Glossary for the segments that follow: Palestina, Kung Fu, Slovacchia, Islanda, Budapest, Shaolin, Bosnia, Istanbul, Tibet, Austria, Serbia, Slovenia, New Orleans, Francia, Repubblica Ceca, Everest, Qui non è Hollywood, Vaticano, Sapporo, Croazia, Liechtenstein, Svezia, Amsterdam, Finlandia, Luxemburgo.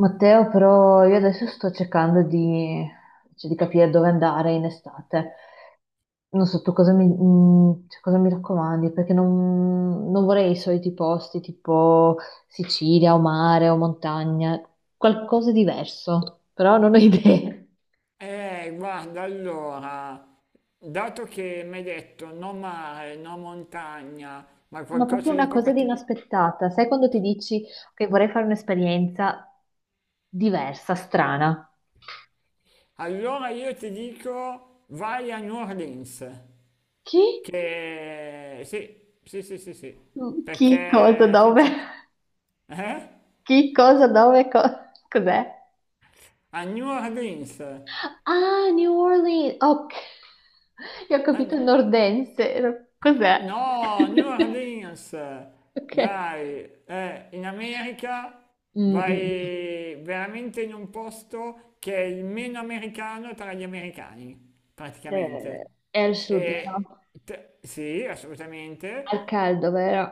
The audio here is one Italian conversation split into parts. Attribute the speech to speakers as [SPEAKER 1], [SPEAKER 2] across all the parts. [SPEAKER 1] Matteo, però io adesso sto cercando cioè, di capire dove andare in estate. Non so tu cosa cioè, cosa mi raccomandi, perché non vorrei i soliti posti tipo Sicilia o mare o montagna, qualcosa di diverso, però non ho idee.
[SPEAKER 2] Guarda, allora, dato che mi hai detto no mare, no montagna, ma
[SPEAKER 1] Ma proprio
[SPEAKER 2] qualcosa di
[SPEAKER 1] una
[SPEAKER 2] un po'
[SPEAKER 1] cosa di
[SPEAKER 2] particolare,
[SPEAKER 1] inaspettata. Sai quando ti dici che vorrei fare un'esperienza diversa, strana?
[SPEAKER 2] allora io ti dico vai a New Orleans,
[SPEAKER 1] Chi?
[SPEAKER 2] che sì, sì, sì, sì, sì,
[SPEAKER 1] Chi cosa
[SPEAKER 2] perché
[SPEAKER 1] dove?
[SPEAKER 2] eh?
[SPEAKER 1] Chi cosa dove? Cos'è?
[SPEAKER 2] A New Orleans,
[SPEAKER 1] Ah, New Orleans. Ok, io ho
[SPEAKER 2] a,
[SPEAKER 1] capito
[SPEAKER 2] New-
[SPEAKER 1] nordense. Cos'è?
[SPEAKER 2] no, New Orleans,
[SPEAKER 1] Ok.
[SPEAKER 2] dai, in America
[SPEAKER 1] Mm, mm, mm.
[SPEAKER 2] vai veramente in un posto che è il meno americano tra gli americani, praticamente.
[SPEAKER 1] Eh, è al sud,
[SPEAKER 2] E
[SPEAKER 1] vero?
[SPEAKER 2] sì,
[SPEAKER 1] Al
[SPEAKER 2] assolutamente,
[SPEAKER 1] caldo, vero?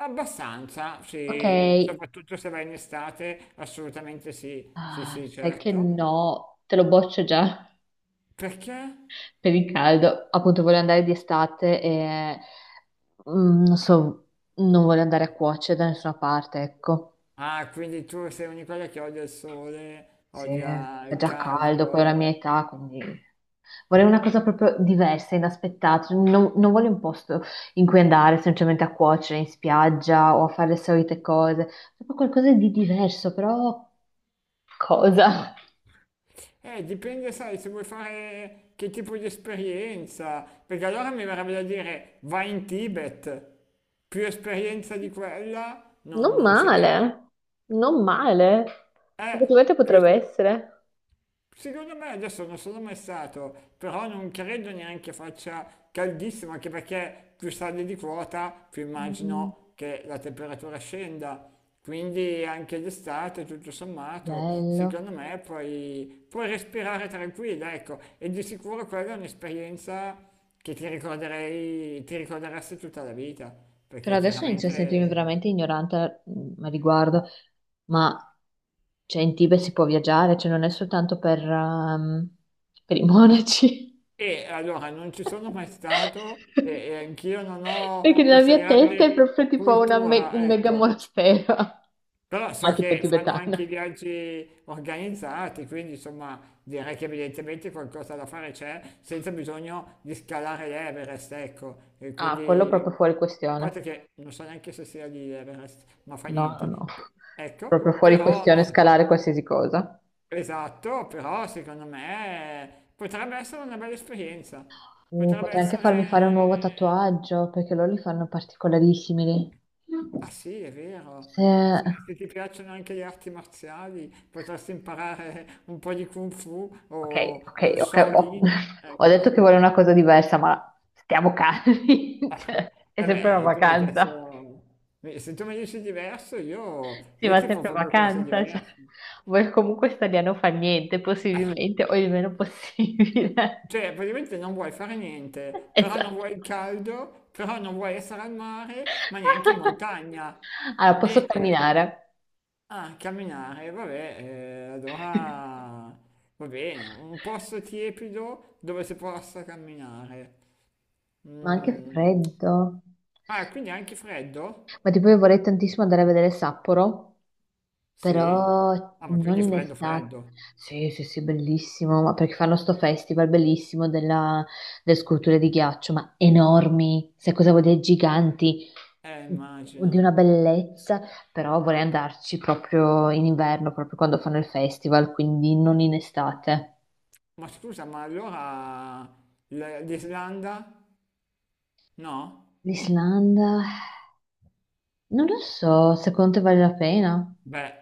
[SPEAKER 2] abbastanza,
[SPEAKER 1] Ok.
[SPEAKER 2] sì, soprattutto se vai in estate, assolutamente sì, sì,
[SPEAKER 1] Ah,
[SPEAKER 2] sì,
[SPEAKER 1] sai che
[SPEAKER 2] certo.
[SPEAKER 1] no, te lo boccio già
[SPEAKER 2] Perché?
[SPEAKER 1] per il caldo. Appunto, voglio andare di estate e non so, non voglio andare a cuocere da nessuna parte, ecco.
[SPEAKER 2] Ah, quindi tu sei una di quelle che odia il sole,
[SPEAKER 1] Sì,
[SPEAKER 2] odia
[SPEAKER 1] fa
[SPEAKER 2] il
[SPEAKER 1] già caldo, poi è la
[SPEAKER 2] caldo.
[SPEAKER 1] mia età, quindi vorrei una cosa proprio diversa, inaspettata. Cioè, non voglio un posto in cui andare semplicemente a cuocere in spiaggia o a fare le solite cose, proprio qualcosa di diverso, però cosa?
[SPEAKER 2] Dipende, sai, se vuoi fare che tipo di esperienza, perché allora mi verrebbe da dire vai in Tibet, più esperienza di quella non,
[SPEAKER 1] Non
[SPEAKER 2] non ce n'è.
[SPEAKER 1] male, non male.
[SPEAKER 2] Eh,
[SPEAKER 1] Effettivamente potrebbe
[SPEAKER 2] più,
[SPEAKER 1] essere.
[SPEAKER 2] Secondo me adesso non sono mai stato, però non credo neanche faccia caldissimo, anche perché più sali di quota, più
[SPEAKER 1] Mm,
[SPEAKER 2] immagino che la temperatura scenda. Quindi anche d'estate, tutto sommato,
[SPEAKER 1] bello.
[SPEAKER 2] secondo me puoi respirare tranquilla, ecco. E di sicuro quella è un'esperienza che ti ricorderesti tutta la vita,
[SPEAKER 1] Però
[SPEAKER 2] perché
[SPEAKER 1] adesso inizio a sentirmi
[SPEAKER 2] chiaramente...
[SPEAKER 1] veramente ignorante a riguardo, ma cioè, in Tibet si può viaggiare, cioè non è soltanto per i monaci.
[SPEAKER 2] E allora non ci sono mai stato e, e anch'io non
[SPEAKER 1] Perché
[SPEAKER 2] ho
[SPEAKER 1] nella
[SPEAKER 2] questa
[SPEAKER 1] mia testa è
[SPEAKER 2] grande
[SPEAKER 1] proprio tipo una un
[SPEAKER 2] cultura,
[SPEAKER 1] mega
[SPEAKER 2] ecco.
[SPEAKER 1] monastero,
[SPEAKER 2] Però so
[SPEAKER 1] ma tipo
[SPEAKER 2] che fanno anche
[SPEAKER 1] tibetano.
[SPEAKER 2] i viaggi organizzati, quindi insomma direi che evidentemente qualcosa da fare c'è senza bisogno di scalare l'Everest, ecco. E
[SPEAKER 1] Ah, quello
[SPEAKER 2] quindi, a
[SPEAKER 1] proprio fuori questione.
[SPEAKER 2] parte che non so neanche se sia di Everest, ma fa
[SPEAKER 1] No, no,
[SPEAKER 2] niente.
[SPEAKER 1] no. Proprio
[SPEAKER 2] Ecco,
[SPEAKER 1] fuori
[SPEAKER 2] però
[SPEAKER 1] questione scalare qualsiasi cosa.
[SPEAKER 2] esatto, però secondo me potrebbe essere una bella esperienza. Potrebbe
[SPEAKER 1] Potrei anche farmi fare un nuovo
[SPEAKER 2] essere...
[SPEAKER 1] tatuaggio, perché loro li fanno particolarissimi
[SPEAKER 2] Ah
[SPEAKER 1] lì.
[SPEAKER 2] sì, è vero.
[SPEAKER 1] Se-
[SPEAKER 2] Se ti piacciono anche le arti marziali, potresti imparare un po' di Kung Fu
[SPEAKER 1] Ok, ok,
[SPEAKER 2] o
[SPEAKER 1] ok.
[SPEAKER 2] Shaolin.
[SPEAKER 1] Ho
[SPEAKER 2] Ecco.
[SPEAKER 1] detto che voglio una cosa diversa, ma stiamo calmi. Cioè, è
[SPEAKER 2] E
[SPEAKER 1] sempre una
[SPEAKER 2] beh, tu mi hai chiesto...
[SPEAKER 1] vacanza.
[SPEAKER 2] Se tu mi dici diverso, io,
[SPEAKER 1] Si
[SPEAKER 2] io
[SPEAKER 1] va
[SPEAKER 2] ti
[SPEAKER 1] sempre in
[SPEAKER 2] proprio cose
[SPEAKER 1] vacanza. Cioè,
[SPEAKER 2] diverse.
[SPEAKER 1] vuoi comunque stare lì a non fare niente, possibilmente, o il meno possibile.
[SPEAKER 2] Cioè, praticamente non vuoi fare niente, però
[SPEAKER 1] Esatto.
[SPEAKER 2] non vuoi il caldo, però non vuoi essere al mare, ma neanche in montagna.
[SPEAKER 1] Allora, posso
[SPEAKER 2] E, e-
[SPEAKER 1] camminare,
[SPEAKER 2] ah, camminare, vabbè, allora va bene, un posto tiepido dove si possa camminare.
[SPEAKER 1] ma anche
[SPEAKER 2] Mm.
[SPEAKER 1] freddo.
[SPEAKER 2] Ah, quindi anche freddo?
[SPEAKER 1] Ma tipo, io vorrei tantissimo andare a vedere Sapporo,
[SPEAKER 2] Sì.
[SPEAKER 1] però
[SPEAKER 2] Ah, ma
[SPEAKER 1] non
[SPEAKER 2] quindi
[SPEAKER 1] in
[SPEAKER 2] freddo,
[SPEAKER 1] estate.
[SPEAKER 2] freddo.
[SPEAKER 1] Sì, sì, sì, bellissimo, ma perché fanno sto festival bellissimo delle sculture di ghiaccio, ma enormi, sai cosa vuol dire giganti, mm, di
[SPEAKER 2] Immagino.
[SPEAKER 1] una bellezza, però vorrei andarci proprio in inverno, proprio quando fanno il festival, quindi non in estate.
[SPEAKER 2] Ma scusa, ma allora l'Islanda? No?
[SPEAKER 1] L'Islanda, non lo so, secondo te vale la pena?
[SPEAKER 2] Beh,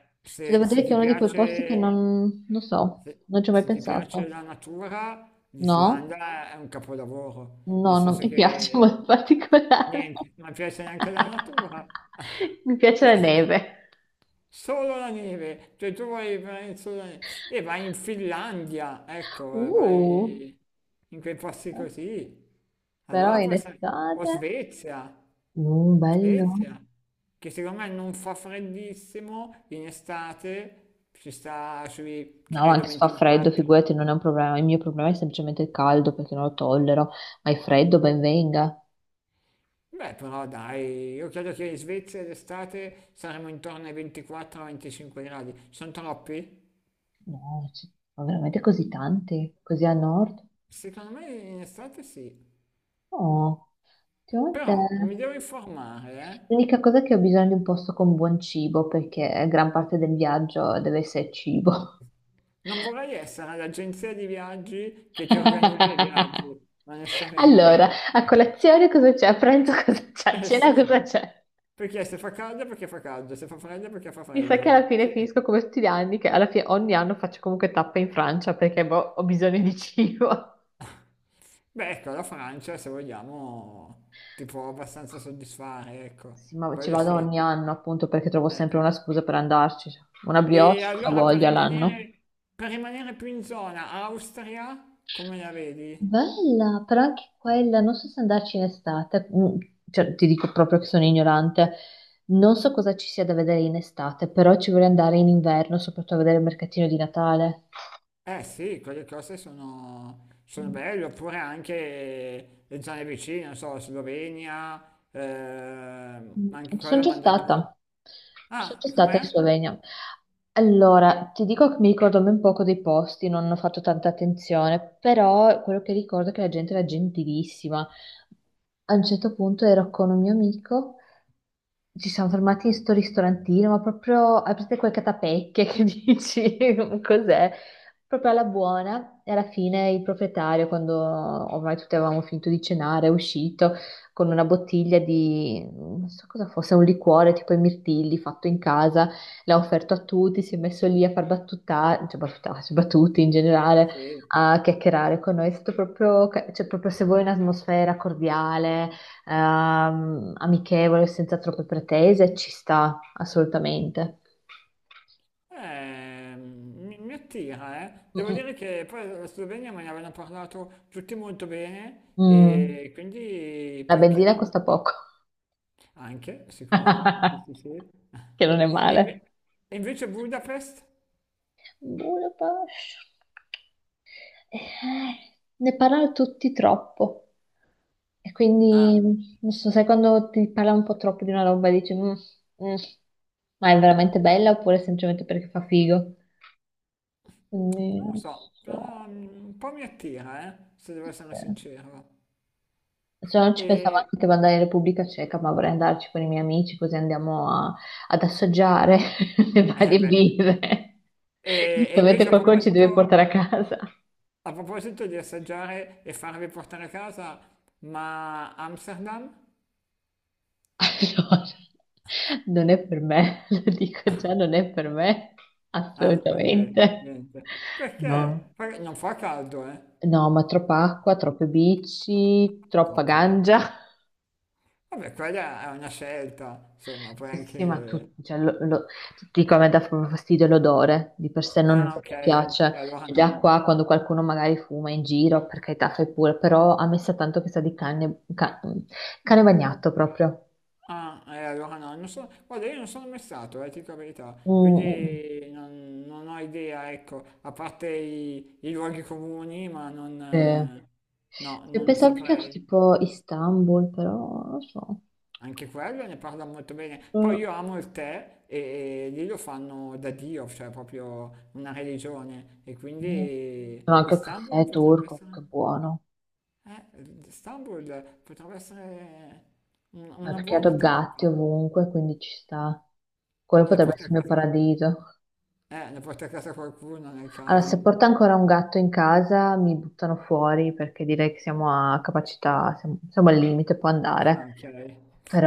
[SPEAKER 1] Ti devo
[SPEAKER 2] se,
[SPEAKER 1] dire
[SPEAKER 2] se
[SPEAKER 1] che è
[SPEAKER 2] ti
[SPEAKER 1] uno di quei posti che
[SPEAKER 2] piace,
[SPEAKER 1] non so,
[SPEAKER 2] se,
[SPEAKER 1] non ci ho mai
[SPEAKER 2] se ti piace
[SPEAKER 1] pensato.
[SPEAKER 2] la natura,
[SPEAKER 1] No?
[SPEAKER 2] l'Islanda è un capolavoro, nel
[SPEAKER 1] No, non
[SPEAKER 2] senso
[SPEAKER 1] mi piace
[SPEAKER 2] che
[SPEAKER 1] molto particolare.
[SPEAKER 2] niente, non piace neanche la natura.
[SPEAKER 1] Mi piace la
[SPEAKER 2] Cioè,
[SPEAKER 1] neve.
[SPEAKER 2] solo la neve, cioè tu vai solo la neve. E vai in Finlandia, ecco,
[SPEAKER 1] Uh,
[SPEAKER 2] vai in quei posti così.
[SPEAKER 1] però
[SPEAKER 2] Allora
[SPEAKER 1] in
[SPEAKER 2] può essere, o
[SPEAKER 1] estate.
[SPEAKER 2] Svezia,
[SPEAKER 1] Bello.
[SPEAKER 2] Svezia, che secondo me non fa freddissimo in estate, ci sta sui,
[SPEAKER 1] No,
[SPEAKER 2] credo,
[SPEAKER 1] anche se fa freddo,
[SPEAKER 2] 24.
[SPEAKER 1] figurati, non è un problema. Il mio problema è semplicemente il caldo perché non lo tollero, ma il freddo ben venga.
[SPEAKER 2] Beh, però dai, io credo che in Svezia d'estate saremo intorno ai 24-25 gradi. Sono troppi?
[SPEAKER 1] No, ci sono veramente così tanti, così a nord.
[SPEAKER 2] Secondo me in estate sì.
[SPEAKER 1] No,
[SPEAKER 2] Però mi
[SPEAKER 1] ultimamente
[SPEAKER 2] devo informare, eh?
[SPEAKER 1] l'unica cosa è che ho bisogno di un posto con buon cibo perché gran parte del viaggio deve essere cibo.
[SPEAKER 2] Non vorrei essere l'agenzia di viaggi che ti organizza i viaggi,
[SPEAKER 1] Allora,
[SPEAKER 2] onestamente.
[SPEAKER 1] a colazione cosa c'è? A pranzo cosa c'è? A
[SPEAKER 2] Eh
[SPEAKER 1] cena
[SPEAKER 2] sì,
[SPEAKER 1] cosa c'è?
[SPEAKER 2] perché se fa caldo è perché fa caldo, se fa freddo è perché fa
[SPEAKER 1] Mi sa
[SPEAKER 2] freddo.
[SPEAKER 1] che alla fine
[SPEAKER 2] Se-
[SPEAKER 1] finisco come tutti gli anni, che alla fine ogni anno faccio comunque tappe in Francia perché boh, ho bisogno di cibo.
[SPEAKER 2] Beh, ecco, la Francia, se vogliamo, ti può abbastanza soddisfare, ecco,
[SPEAKER 1] Sì, ma ci
[SPEAKER 2] quello
[SPEAKER 1] vado
[SPEAKER 2] sì.
[SPEAKER 1] ogni anno appunto perché trovo
[SPEAKER 2] Eh.
[SPEAKER 1] sempre una scusa per andarci. Una brioche,
[SPEAKER 2] E
[SPEAKER 1] la
[SPEAKER 2] allora
[SPEAKER 1] voglia l'anno.
[SPEAKER 2] per rimanere più in zona, Austria, come la vedi?
[SPEAKER 1] Bella, però anche quella, non so se andarci in estate. Mm, cioè, ti dico proprio che sono ignorante, non so cosa ci sia da vedere in estate, però ci vorrei andare in inverno, soprattutto a vedere il mercatino di Natale.
[SPEAKER 2] Eh sì, quelle cose sono belle, oppure anche le zone vicine, non so, Slovenia,
[SPEAKER 1] Mm,
[SPEAKER 2] anche
[SPEAKER 1] Ci sono
[SPEAKER 2] quella
[SPEAKER 1] già
[SPEAKER 2] mi hanno detto che...
[SPEAKER 1] stata, ci sono
[SPEAKER 2] Ah,
[SPEAKER 1] già
[SPEAKER 2] e
[SPEAKER 1] stata
[SPEAKER 2] com'è?
[SPEAKER 1] in Slovenia. Allora, ti dico che mi ricordo ben poco dei posti, non ho fatto tanta attenzione, però quello che ricordo è che la gente era gentilissima. A un certo punto ero con un mio amico. Ci siamo fermati in sto ristorantino, ma proprio, hai presente quelle catapecchie che dici, cos'è? Proprio alla buona, e alla fine il proprietario, quando ormai tutti avevamo finito di cenare, è uscito con una bottiglia di, non so cosa fosse, un liquore tipo i mirtilli fatto in casa, l'ha offerto a tutti, si è messo lì a far battuta, cioè battutarsi, battuti in generale,
[SPEAKER 2] Sì.
[SPEAKER 1] a chiacchierare con noi, è stato proprio, cioè proprio se vuoi un'atmosfera cordiale amichevole, senza troppe pretese, ci sta assolutamente.
[SPEAKER 2] Mi attira, eh. Devo
[SPEAKER 1] Mm,
[SPEAKER 2] dire che poi la Slovenia me ne avevano parlato tutti molto bene
[SPEAKER 1] mm. Mm.
[SPEAKER 2] e quindi
[SPEAKER 1] La
[SPEAKER 2] perché
[SPEAKER 1] benzina
[SPEAKER 2] no?
[SPEAKER 1] costa poco,
[SPEAKER 2] Anche, sicuro. Sì, sì, sì.
[SPEAKER 1] che non è
[SPEAKER 2] E,
[SPEAKER 1] male.
[SPEAKER 2] inve- e invece Budapest?
[SPEAKER 1] Budapest. Ne parlano tutti troppo. E
[SPEAKER 2] Ah,
[SPEAKER 1] quindi, non so, sai quando ti parla un po' troppo di una roba e dici, "Mm, mm, ma è veramente bella oppure semplicemente perché fa figo? Quindi,
[SPEAKER 2] non lo
[SPEAKER 1] non
[SPEAKER 2] so, ah,
[SPEAKER 1] so.
[SPEAKER 2] un po' mi attira, se devo essere sincero. Mm.
[SPEAKER 1] Cioè, non ci pensavo
[SPEAKER 2] E,
[SPEAKER 1] anche che andare in Repubblica Ceca, ma vorrei andarci con i miei amici così andiamo ad assaggiare le
[SPEAKER 2] eh
[SPEAKER 1] varie
[SPEAKER 2] beh,
[SPEAKER 1] birre.
[SPEAKER 2] e
[SPEAKER 1] Giustamente
[SPEAKER 2] invece
[SPEAKER 1] qualcuno ci deve portare a casa.
[SPEAKER 2] a proposito di assaggiare e farvi portare a casa, ma Amsterdam?
[SPEAKER 1] Allora, non è per me, lo dico già, non è per me,
[SPEAKER 2] Ah, ok,
[SPEAKER 1] assolutamente.
[SPEAKER 2] niente.
[SPEAKER 1] No,
[SPEAKER 2] Perché? Perché non fa caldo, eh?
[SPEAKER 1] no, ma troppa acqua, troppe bici, troppa
[SPEAKER 2] Troppo.
[SPEAKER 1] ganja.
[SPEAKER 2] Vabbè, quella è una scelta, insomma, poi
[SPEAKER 1] Sì, sì, sì, ma
[SPEAKER 2] anche...
[SPEAKER 1] tu, cioè, ti dico, a me dà proprio fastidio l'odore, di per sé non mi
[SPEAKER 2] Ah, ok, e
[SPEAKER 1] piace.
[SPEAKER 2] allora
[SPEAKER 1] Cioè, già
[SPEAKER 2] no.
[SPEAKER 1] qua, quando qualcuno magari fuma in giro, per carità, fai pure, però a me sa tanto che sa di cane, cane bagnato proprio.
[SPEAKER 2] Ah, allora no, non so, guarda, io non sono mai stato, ti dico la verità,
[SPEAKER 1] Mm, mm, mm.
[SPEAKER 2] quindi non ho idea, ecco, a parte i luoghi comuni, ma non,
[SPEAKER 1] Sì.
[SPEAKER 2] no,
[SPEAKER 1] Sì,
[SPEAKER 2] non
[SPEAKER 1] pensavo più che altro
[SPEAKER 2] saprei.
[SPEAKER 1] tipo Istanbul, però non lo so.
[SPEAKER 2] Anche quello ne parla molto bene. Poi
[SPEAKER 1] Mm.
[SPEAKER 2] io amo il tè e lì lo fanno da Dio, cioè proprio una religione, e
[SPEAKER 1] Sono
[SPEAKER 2] quindi
[SPEAKER 1] anche il caffè turco, che buono.
[SPEAKER 2] Istanbul potrebbe essere
[SPEAKER 1] Ma
[SPEAKER 2] una
[SPEAKER 1] perché
[SPEAKER 2] buona
[SPEAKER 1] ho gatti
[SPEAKER 2] tappa.
[SPEAKER 1] ovunque, quindi ci sta. Quello
[SPEAKER 2] E la
[SPEAKER 1] potrebbe
[SPEAKER 2] porti a
[SPEAKER 1] essere il mio
[SPEAKER 2] casa?
[SPEAKER 1] paradiso.
[SPEAKER 2] L'ha porta a casa qualcuno nel
[SPEAKER 1] Allora, se
[SPEAKER 2] caso.
[SPEAKER 1] porto ancora un gatto in casa mi buttano fuori perché direi che siamo a capacità, siamo al limite, può andare.
[SPEAKER 2] Ah, ok.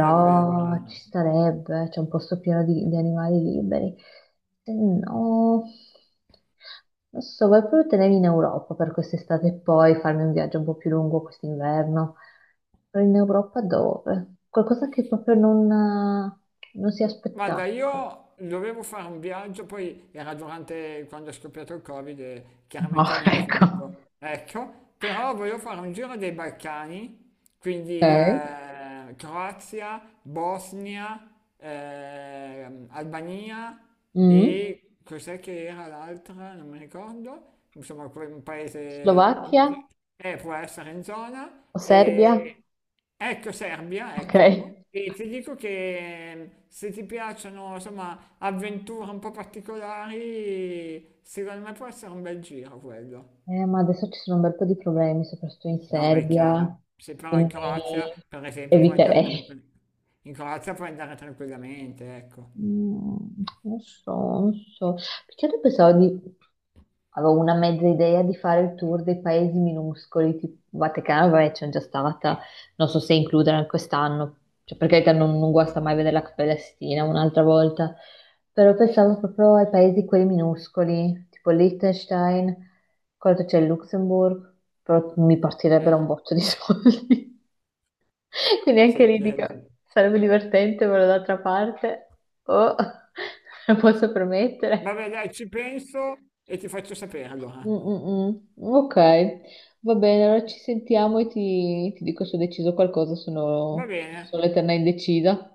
[SPEAKER 2] E vabbè, allora
[SPEAKER 1] ci starebbe, c'è un posto pieno di animali liberi. Se no, non so, vuoi proprio tenermi in Europa per quest'estate e poi farmi un viaggio un po' più lungo quest'inverno? Però in Europa dove? Qualcosa che proprio non si
[SPEAKER 2] guarda,
[SPEAKER 1] aspettava.
[SPEAKER 2] io dovevo fare un viaggio, poi era durante quando è scoppiato il Covid e
[SPEAKER 1] No,
[SPEAKER 2] chiaramente non l'ho
[SPEAKER 1] ecco.
[SPEAKER 2] fatto. Ecco, però volevo fare un giro dei Balcani, quindi
[SPEAKER 1] Ok.
[SPEAKER 2] Croazia, Bosnia, Albania
[SPEAKER 1] Mm.
[SPEAKER 2] e cos'è che era l'altra? Non mi ricordo. Insomma, un paese...
[SPEAKER 1] Slovacchia
[SPEAKER 2] eh, può essere in zona
[SPEAKER 1] o Serbia?
[SPEAKER 2] e... Ecco Serbia,
[SPEAKER 1] Ok.
[SPEAKER 2] ecco, e ti dico che se ti piacciono, insomma, avventure un po' particolari, secondo me può essere un bel giro quello.
[SPEAKER 1] Ma adesso ci sono un bel po' di problemi, soprattutto in
[SPEAKER 2] No, beh, è
[SPEAKER 1] Serbia,
[SPEAKER 2] chiaro, se però in
[SPEAKER 1] quindi
[SPEAKER 2] Croazia, per esempio, puoi andare
[SPEAKER 1] eviterei.
[SPEAKER 2] tranquillamente. In Croazia puoi andare tranquillamente, ecco.
[SPEAKER 1] Mm, non so, non so. Perché io pensavo di... Avevo una mezza idea di fare il tour dei paesi minuscoli, tipo Vaticano, vabbè, c'è già stata, non so se includere anche quest'anno, cioè per carità non guasta mai vedere la Palestina un'altra volta, però pensavo proprio ai paesi quelli minuscoli, tipo Liechtenstein, quello che c'è il Luxemburgo, però mi partirebbero
[SPEAKER 2] Eh,
[SPEAKER 1] un botto di soldi. Quindi anche
[SPEAKER 2] sì,
[SPEAKER 1] lì
[SPEAKER 2] direi
[SPEAKER 1] dico,
[SPEAKER 2] di sì.
[SPEAKER 1] sarebbe divertente, però d'altra parte, oh, lo posso promettere.
[SPEAKER 2] Vabbè, dai, ci penso e ti faccio sapere allora.
[SPEAKER 1] Mm, mm, mm. Ok, va bene, allora ci sentiamo e ti dico se ho deciso qualcosa,
[SPEAKER 2] Va bene.
[SPEAKER 1] sono l'eterna indecisa.